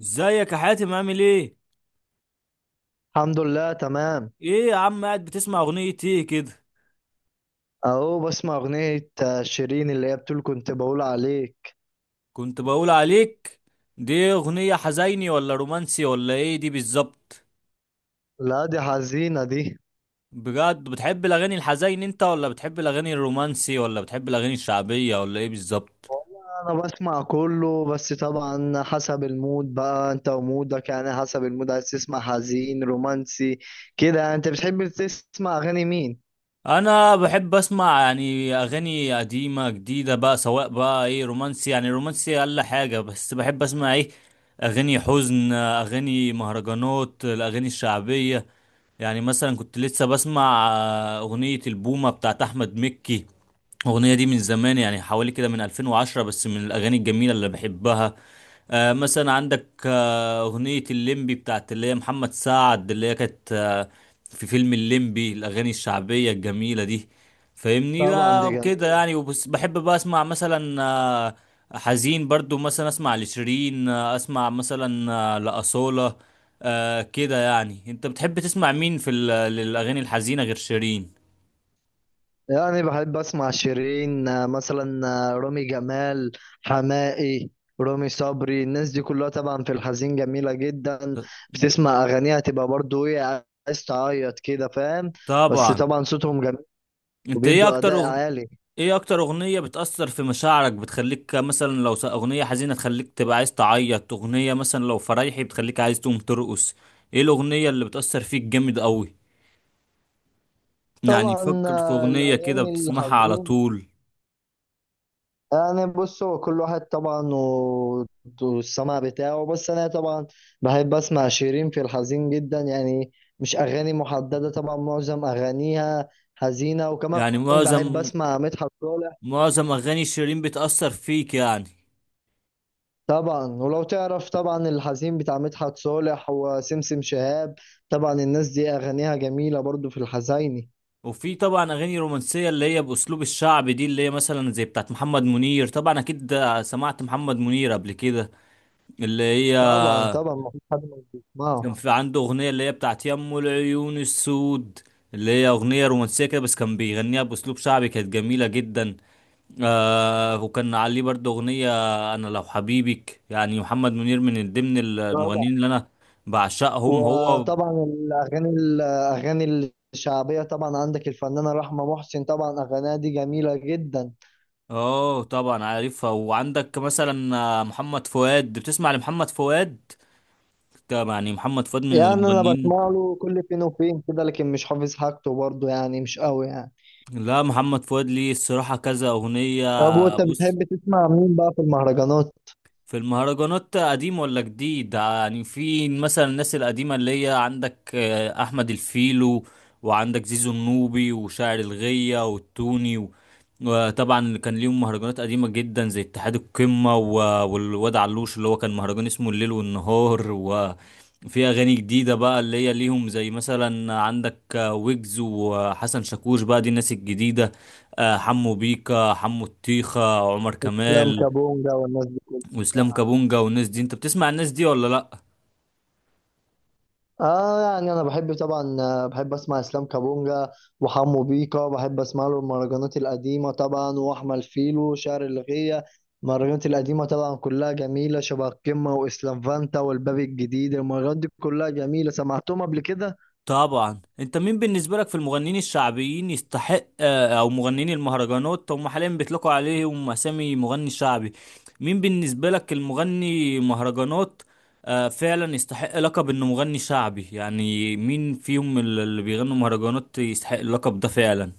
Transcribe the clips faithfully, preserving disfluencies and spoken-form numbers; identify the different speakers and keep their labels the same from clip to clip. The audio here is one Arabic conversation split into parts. Speaker 1: ازيك يا حاتم، عامل ايه؟
Speaker 2: الحمد لله، تمام.
Speaker 1: ايه يا عم، قاعد بتسمع اغنية ايه كده؟
Speaker 2: اهو بسمع اغنية آه، شيرين اللي هي بتقول كنت بقول عليك.
Speaker 1: كنت بقول عليك. دي اغنية حزيني ولا رومانسي ولا ايه دي بالظبط؟
Speaker 2: لا، دي حزينة دي.
Speaker 1: بجد بتحب الاغاني الحزين انت، ولا بتحب الاغاني الرومانسي، ولا بتحب الاغاني الشعبية، ولا ايه بالظبط؟
Speaker 2: والله انا بسمع كله، بس طبعا حسب المود، بقى انت ومودك، يعني حسب المود عايز تسمع حزين رومانسي كده يعني. انت بتحب تسمع اغاني مين؟
Speaker 1: انا بحب اسمع يعني اغاني قديمه جديده بقى، سواء بقى ايه رومانسي يعني رومانسي الا حاجه، بس بحب اسمع ايه اغاني حزن، اغاني مهرجانات، الاغاني الشعبيه. يعني مثلا كنت لسه بسمع آه، اغنيه البومه بتاعت احمد مكي. الاغنيه دي من زمان يعني حوالي كده من ألفين وعشرة، بس من الاغاني الجميله اللي بحبها. آه، مثلا عندك اغنية الليمبي بتاعت اللي هي محمد سعد، اللي هي كانت آه، في فيلم الليمبي، الاغاني الشعبية الجميلة دي. فاهمني
Speaker 2: طبعا دي
Speaker 1: بقى كده
Speaker 2: جميلة.
Speaker 1: يعني. وبس بحب بقى اسمع مثلا آه، حزين برضو، مثلا اسمع لشيرين، آه، اسمع مثلا آه، لأصالة. آه، كده يعني. انت بتحب تسمع مين في ال- الاغاني الحزينة غير شيرين؟
Speaker 2: يعني بحب اسمع شيرين، آه، مثلا آه، رامي جمال، حماقي، رامي صبري، الناس دي كلها طبعا في الحزين جميلة جدا. بتسمع اغانيها تبقى برضو ايه، عايز تعيط كده، فاهم. بس
Speaker 1: طبعا.
Speaker 2: طبعا صوتهم جميل
Speaker 1: انت ايه
Speaker 2: وبيدوا
Speaker 1: اكتر
Speaker 2: اداء
Speaker 1: أغن...
Speaker 2: عالي.
Speaker 1: ايه اكتر اغنية بتأثر في مشاعرك، بتخليك مثلا لو س- اغنية حزينة تخليك تبقى عايز تعيط، اغنية مثلا لو فرايحي بتخليك عايز تقوم ترقص؟ ايه الاغنية اللي بتأثر فيك جامد قوي؟ يعني
Speaker 2: طبعا
Speaker 1: فكر في
Speaker 2: آه،
Speaker 1: اغنية كده
Speaker 2: الاغاني
Speaker 1: بتسمعها على
Speaker 2: الحزين.
Speaker 1: طول.
Speaker 2: يعني بص، هو كل واحد طبعا و- والسمع بتاعه، بس انا طبعا بحب اسمع شيرين في الحزين جدا يعني. مش اغاني محدده، طبعا معظم اغانيها حزينه، وكمان
Speaker 1: يعني
Speaker 2: بحب
Speaker 1: معظم
Speaker 2: اسمع مدحت صالح.
Speaker 1: معظم اغاني شيرين بتأثر فيك يعني.
Speaker 2: طبعا ولو تعرف، طبعا الحزين بتاع مدحت صالح وسمسم شهاب، طبعا الناس دي اغانيها جميله برضو في الحزيني.
Speaker 1: وفي طبعا اغاني رومانسية اللي هي باسلوب الشعب دي، اللي هي مثلا زي بتاعت محمد منير. طبعا اكيد سمعت محمد منير قبل كده، اللي هي
Speaker 2: طبعا طبعا مفيش حد ما بيسمعه.
Speaker 1: كان في عنده أغنية اللي هي بتاعت يمو العيون السود، اللي هي أغنية رومانسية كده بس كان بيغنيها بأسلوب شعبي، كانت جميلة جدا. آه وكان عليه برضه أغنية أنا لو حبيبك. يعني محمد منير من ضمن
Speaker 2: طبعا
Speaker 1: المغنيين اللي أنا بعشقهم هو.
Speaker 2: وطبعا الاغاني الاغاني الشعبيه، طبعا عندك الفنانه رحمه محسن، طبعا اغانيها دي جميله جدا.
Speaker 1: اه طبعا عارفها. وعندك مثلا آه، محمد فؤاد، بتسمع لمحمد فؤاد؟ طب يعني محمد فؤاد من
Speaker 2: يعني انا
Speaker 1: المغنيين.
Speaker 2: بسمع له كل فين وفين كده، لكن مش حافظ حاجته برضه، يعني مش قوي يعني.
Speaker 1: لا محمد فؤاد ليه الصراحة كذا أغنية.
Speaker 2: طب وانت
Speaker 1: بص،
Speaker 2: بتحب تسمع مين بقى في المهرجانات؟
Speaker 1: في المهرجانات قديم ولا جديد؟ يعني في مثلا الناس القديمة اللي هي عندك آه، أحمد الفيلو، وعندك زيزو النوبي وشاعر الغية والتوني و- وطبعا اللي كان ليهم مهرجانات قديمة جدا زي اتحاد القمة و- والواد علوش اللي هو كان مهرجان اسمه الليل والنهار. وفي أغاني جديدة بقى اللي هي ليهم زي مثلا عندك آه، ويجز وحسن شاكوش، بقى دي الناس الجديدة. آه، حمو بيكا، حمو الطيخة، عمر
Speaker 2: افلام
Speaker 1: كمال،
Speaker 2: كابونجا والناس دي كلها.
Speaker 1: واسلام كابونجا والناس دي. انت بتسمع الناس دي ولا لا؟
Speaker 2: اه، يعني انا بحب طبعا، آه، بحب اسمع اسلام كابونجا وحمو بيكا. بحب اسمع له المهرجانات القديمه، طبعا واحمد فيلو شعر الغية. المهرجانات القديمه طبعا كلها جميله، شبه القمه واسلام فانتا والباب الجديد، المهرجانات دي كلها جميله، سمعتهم قبل كده.
Speaker 1: طبعا. انت مين بالنسبه لك في المغنيين الشعبيين يستحق، آه، او مغنيين المهرجانات هم حاليا بيطلقوا عليهم اسامي مغني شعبي، مين بالنسبه لك المغني مهرجانات آه، فعلا يستحق لقب انه مغني شعبي؟ يعني مين فيهم اللي بيغنوا مهرجانات يستحق اللقب ده فعلا؟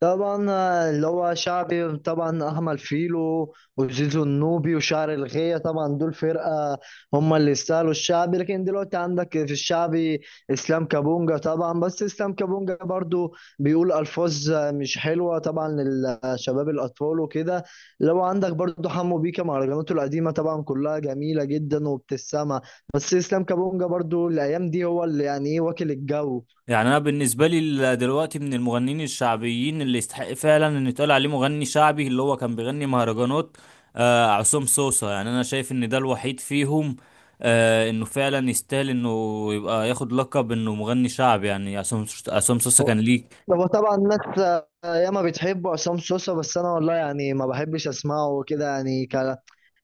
Speaker 2: طبعا، آه، اللي هو شعبي طبعا احمد فيلو وزيزو النوبي وشعر الغية، طبعا دول فرقة هم اللي يستاهلوا الشعبي. لكن دلوقتي عندك في الشعبي اسلام كابونجا طبعا، بس اسلام كابونجا برضو بيقول الفاظ آه، مش حلوة طبعا للشباب الاطفال وكده. لو عندك برضو حمو بيكا، مهرجاناته القديمة طبعا كلها جميلة جدا وبتسمع. بس اسلام كابونجا برضو الايام دي هو اللي يعني ايه، واكل الجو.
Speaker 1: يعني انا بالنسبه لي ال- دلوقتي من المغنيين الشعبيين اللي يستحق فعلا ان يتقال عليه مغني شعبي اللي هو كان بيغني مهرجانات، آه عصام صوصه. يعني انا شايف ان ده الوحيد فيهم، آه انه فعلا يستاهل انه يبقى ياخد لقب انه مغني شعبي. يعني عصام عصام صوصه كان ليه
Speaker 2: هو طبعا الناس آه، ياما بتحب عصام سوسة، بس انا والله يعني ما بحبش اسمعه وكده، يعني ك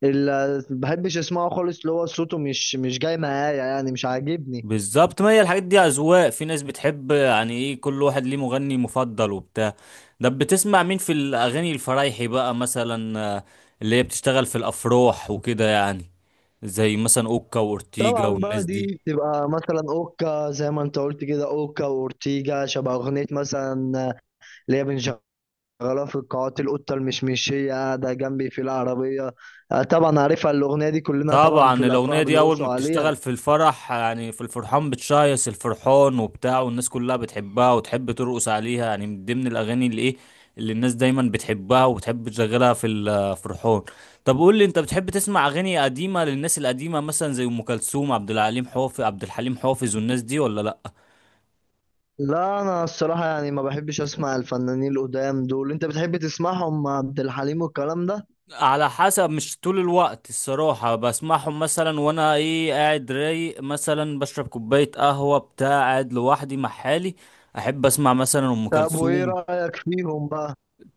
Speaker 2: ال... بحبش اسمعه خالص، اللي هو صوته مش مش جاي معايا، يعني مش عاجبني.
Speaker 1: بالظبط. ما هي الحاجات دي اذواق، في ناس بتحب، يعني ايه كل واحد ليه مغني مفضل وبتاع. ده بتسمع مين في الاغاني الفرايحي بقى، مثلا آه، اللي هي بتشتغل في الافراح وكده يعني، زي مثلا اوكا واورتيجا
Speaker 2: طبعا بقى
Speaker 1: والناس
Speaker 2: دي
Speaker 1: دي؟
Speaker 2: بتبقى مثلا اوكا، زي ما انت قلت كده اوكا واورتيجا، شبه اغنية مثلا اللي هي بنشغلها في القاعات. القطة المشمشية قاعدة جنبي في العربية، آه، طبعا عارفها الاغنية دي، كلنا طبعا في
Speaker 1: طبعا
Speaker 2: الافراح
Speaker 1: الاغنيه دي اول
Speaker 2: بنرقصوا
Speaker 1: ما
Speaker 2: عليها.
Speaker 1: بتشتغل في الفرح، يعني في الفرحان بتشيص الفرحان وبتاع، والناس كلها بتحبها وتحب ترقص عليها، يعني من ضمن الاغاني اللي ايه اللي الناس دايما بتحبها وبتحب تشغلها في الفرحان. طب قول لي، انت بتحب تسمع اغاني قديمه للناس القديمه مثلا زي ام كلثوم، عبد الحليم حافظ عبد الحليم حافظ والناس دي ولا لا؟
Speaker 2: لا، انا الصراحه يعني ما بحبش اسمع الفنانين القدام دول. انت بتحب تسمعهم عبد الحليم والكلام ده؟
Speaker 1: على حسب. مش طول الوقت الصراحة بسمعهم، مثلا وانا ايه قاعد رايق، مثلا بشرب كوباية قهوة بتاع قاعد لوحدي مع حالي، احب اسمع مثلا ام
Speaker 2: طب وايه
Speaker 1: كلثوم.
Speaker 2: رايك فيهم بقى؟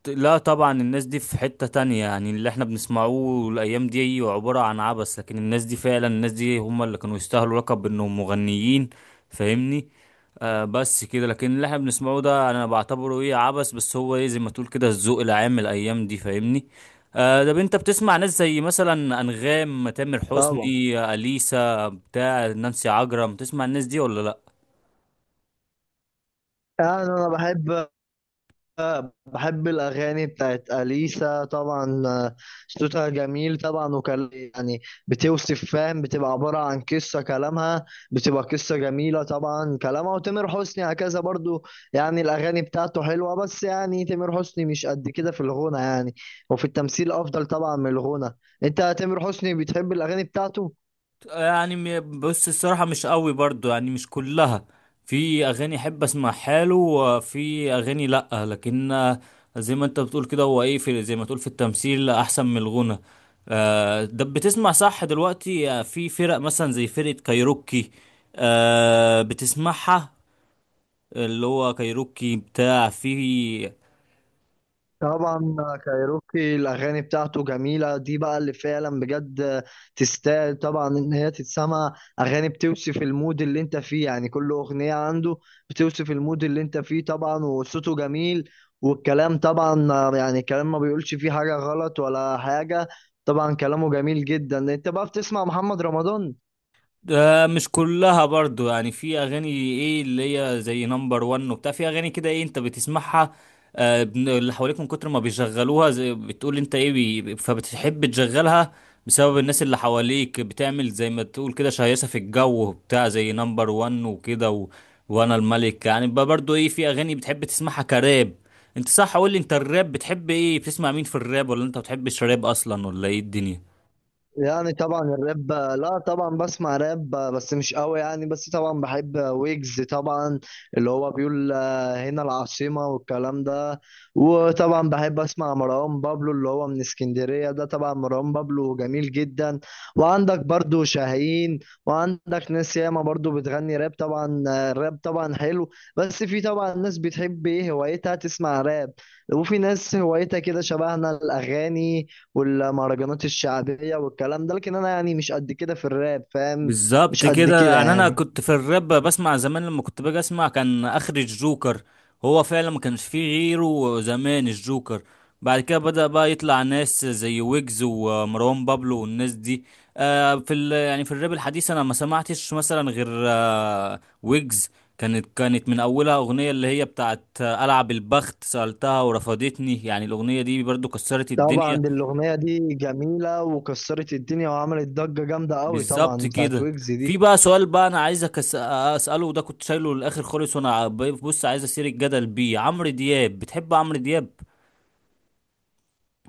Speaker 1: لا طبعا الناس دي في حتة تانية، يعني اللي احنا بنسمعوه الأيام دي أيوة عبارة عن عبث، لكن الناس دي فعلا الناس دي هم اللي كانوا يستاهلوا لقب إنهم مغنيين. فاهمني. آه بس كده، لكن اللي احنا بنسمعه ده أنا بعتبره إيه عبث، بس هو إيه زي ما تقول كده الذوق العام الأيام دي، فاهمني. آه ده انت بتسمع ناس زي مثلا أنغام، تامر حسني،
Speaker 2: طبعا.
Speaker 1: أليسا بتاع نانسي عجرم، تسمع الناس دي ولا لأ؟
Speaker 2: يعني انا بحب بحب الأغاني بتاعت أليسا طبعا، آه، صوتها جميل طبعا، وكان يعني بتوصف، فاهم، بتبقى عبارة عن قصة كلامها، بتبقى قصة جميلة طبعا كلامها، وتامر حسني هكذا برضو. يعني الأغاني بتاعته حلوة، بس يعني تامر حسني مش قد كده في الغنى يعني، وفي التمثيل أفضل طبعا من الغنى. أنت تامر حسني بتحب الأغاني بتاعته؟
Speaker 1: يعني م- بص الصراحة مش قوي برضو يعني، مش كلها. في أغاني أحب أسمع حاله وفي أغاني لأ، لكن آه، زي ما أنت بتقول كده هو إيه، في زي ما تقول في التمثيل أحسن من الغنى. آه، ده بتسمع صح دلوقتي آه، في فرق مثلا زي فرقة كايروكي؟ آه، بتسمعها؟ اللي هو كايروكي بتاع في.
Speaker 2: طبعا كايروكي الاغاني بتاعته جميله، دي بقى اللي فعلا بجد تستاهل طبعا ان هي تتسمع، اغاني بتوصف المود اللي انت فيه، يعني كل اغنيه عنده بتوصف المود اللي انت فيه، طبعا وصوته جميل والكلام طبعا، يعني كلام ما بيقولش فيه حاجه غلط ولا حاجه، طبعا كلامه جميل جدا. انت بقى بتسمع محمد رمضان؟
Speaker 1: ده مش كلها برضو يعني، في اغاني ايه اللي هي زي نمبر وان وبتاع، في اغاني كده ايه انت بتسمعها. آه، بن- اللي حواليك من كتر ما بيشغلوها، زي بتقول انت ايه بي فبتحب تشغلها بسبب الناس اللي حواليك، بتعمل زي ما تقول كده شهيصة في الجو بتاع، زي نمبر وان وكده و... وانا الملك يعني. بقى برضو ايه في اغاني بتحب تسمعها كراب؟ انت صح، قول لي انت الراب بتحب ايه، بتسمع مين في الراب، ولا انت ما بتحبش راب اصلا ولا ايه الدنيا؟
Speaker 2: يعني طبعا الراب، لا طبعا بسمع راب بس مش قوي يعني، بس طبعا بحب ويجز طبعا، اللي هو بيقول آه، هنا العاصمة والكلام ده. وطبعا بحب اسمع مروان بابلو اللي هو من اسكندرية ده، طبعا مروان بابلو جميل جدا. وعندك برضو شاهين، وعندك ناس ياما برضو بتغني راب، طبعا آه، الراب طبعا حلو. بس في طبعا ناس بتحب ايه هوايتها تسمع راب، وفي ناس هوايتها كده شبهنا، الاغاني والمهرجانات الشعبية والكلام ده. لكن أنا يعني مش قد كده في الراب، فاهم،
Speaker 1: بالظبط
Speaker 2: مش قد
Speaker 1: كده.
Speaker 2: كده
Speaker 1: يعني انا
Speaker 2: يعني.
Speaker 1: كنت في الراب بسمع زمان، لما كنت باجي اسمع كان اخر الجوكر، هو فعلا ما كانش فيه غيره زمان الجوكر. بعد كده بدأ بقى يطلع ناس زي ويجز ومروان بابلو والناس دي. آه في ال يعني في الراب الحديث انا ما سمعتش مثلا غير آه ويجز. كانت كانت من اولها اغنية اللي هي بتاعت آه، العب البخت سألتها ورفضتني، يعني الاغنية دي برضو كسرت
Speaker 2: طبعا
Speaker 1: الدنيا.
Speaker 2: دي الأغنية دي جميلة وكسرت الدنيا وعملت ضجة جامدة قوي، طبعا
Speaker 1: بالظبط
Speaker 2: بتاعت
Speaker 1: كده.
Speaker 2: ويجز
Speaker 1: في
Speaker 2: دي.
Speaker 1: بقى سؤال بقى انا عايزك أس- اساله، وده كنت شايله للاخر خالص، وانا بص عايز اثير الجدل بيه، عمرو دياب. بتحب عمرو دياب؟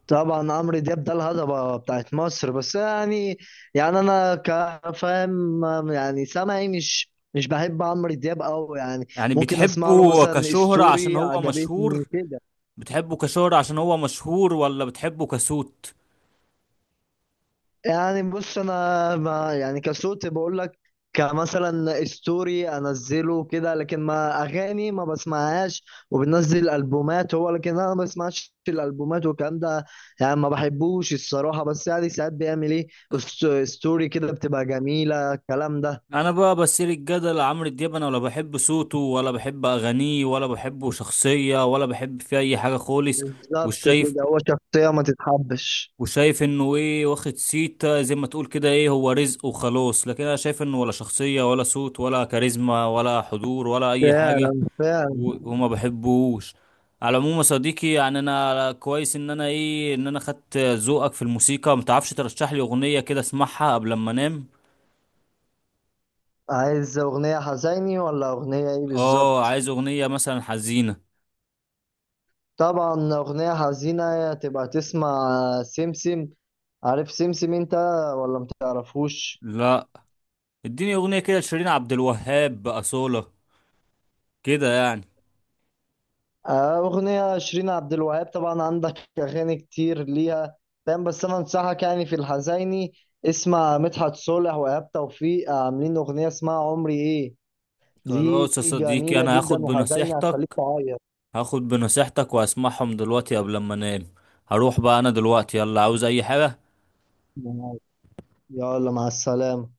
Speaker 2: طبعا عمرو دياب ده الهضبة بتاعت مصر، بس يعني، يعني أنا كفاهم يعني سامعي، مش مش بحب عمرو دياب قوي يعني.
Speaker 1: يعني
Speaker 2: ممكن أسمع له
Speaker 1: بتحبه
Speaker 2: مثلا
Speaker 1: كشهرة عشان
Speaker 2: ستوري
Speaker 1: هو
Speaker 2: عجبتني
Speaker 1: مشهور؟
Speaker 2: كده.
Speaker 1: بتحبه كشهرة عشان هو مشهور ولا بتحبه كصوت؟
Speaker 2: يعني بص، انا ما يعني كصوت بقول لك، كمثلا ستوري انزله كده، لكن ما اغاني ما بسمعهاش، وبنزل البومات هو، لكن انا ما بسمعش الالبومات والكلام ده، يعني ما بحبوش الصراحه، بس يعني ساعات بيعمل ايه است- ستوري كده بتبقى جميله، الكلام ده.
Speaker 1: انا بقى بثير الجدل عمرو دياب، انا ولا بحب صوته ولا بحب اغانيه ولا بحبه شخصية ولا بحب فيه اي حاجة خالص.
Speaker 2: بالظبط
Speaker 1: والشايف،
Speaker 2: كده، هو شخصيه ما تتحبش.
Speaker 1: وشايف انه ايه واخد سيتا زي ما تقول كده، ايه هو رزق وخلاص، لكن انا شايف انه ولا شخصية ولا صوت ولا كاريزما ولا حضور ولا اي حاجة.
Speaker 2: فعلا، فعلا.
Speaker 1: و- وما بحبوش. على العموم يا صديقي، يعني انا كويس ان انا ايه ان انا خدت ذوقك في الموسيقى. متعرفش ترشح لي اغنية كده اسمعها قبل ما انام؟
Speaker 2: عايز اغنيه حزيني ولا اغنيه ايه
Speaker 1: اه
Speaker 2: بالظبط؟
Speaker 1: عايز اغنية مثلا حزينة.
Speaker 2: طبعا أغنية حزينة تبقى تسمع سمسم. عارف سمسم انت ولا متعرفوش؟
Speaker 1: لا. اديني اغنية كده لشيرين عبد الوهاب بأصالة كده يعني.
Speaker 2: آه، أغنية شيرين عبد الوهاب، طبعا عندك أغاني كتير ليها. فاهم، بس أنا أنصحك يعني في الحزيني، اسمع مدحت صالح وإيهاب توفيق عاملين أغنية اسمها عمري إيه، دي
Speaker 1: خلاص يا صديقي،
Speaker 2: جميلة
Speaker 1: انا هاخد
Speaker 2: جدا وحزينة هتخليك
Speaker 1: بنصيحتك،
Speaker 2: تعيط.
Speaker 1: هاخد بنصيحتك واسمعهم دلوقتي قبل ما انام. هروح بقى انا دلوقتي، يلا، عاوز اي حاجة.
Speaker 2: يلا مع السلامة.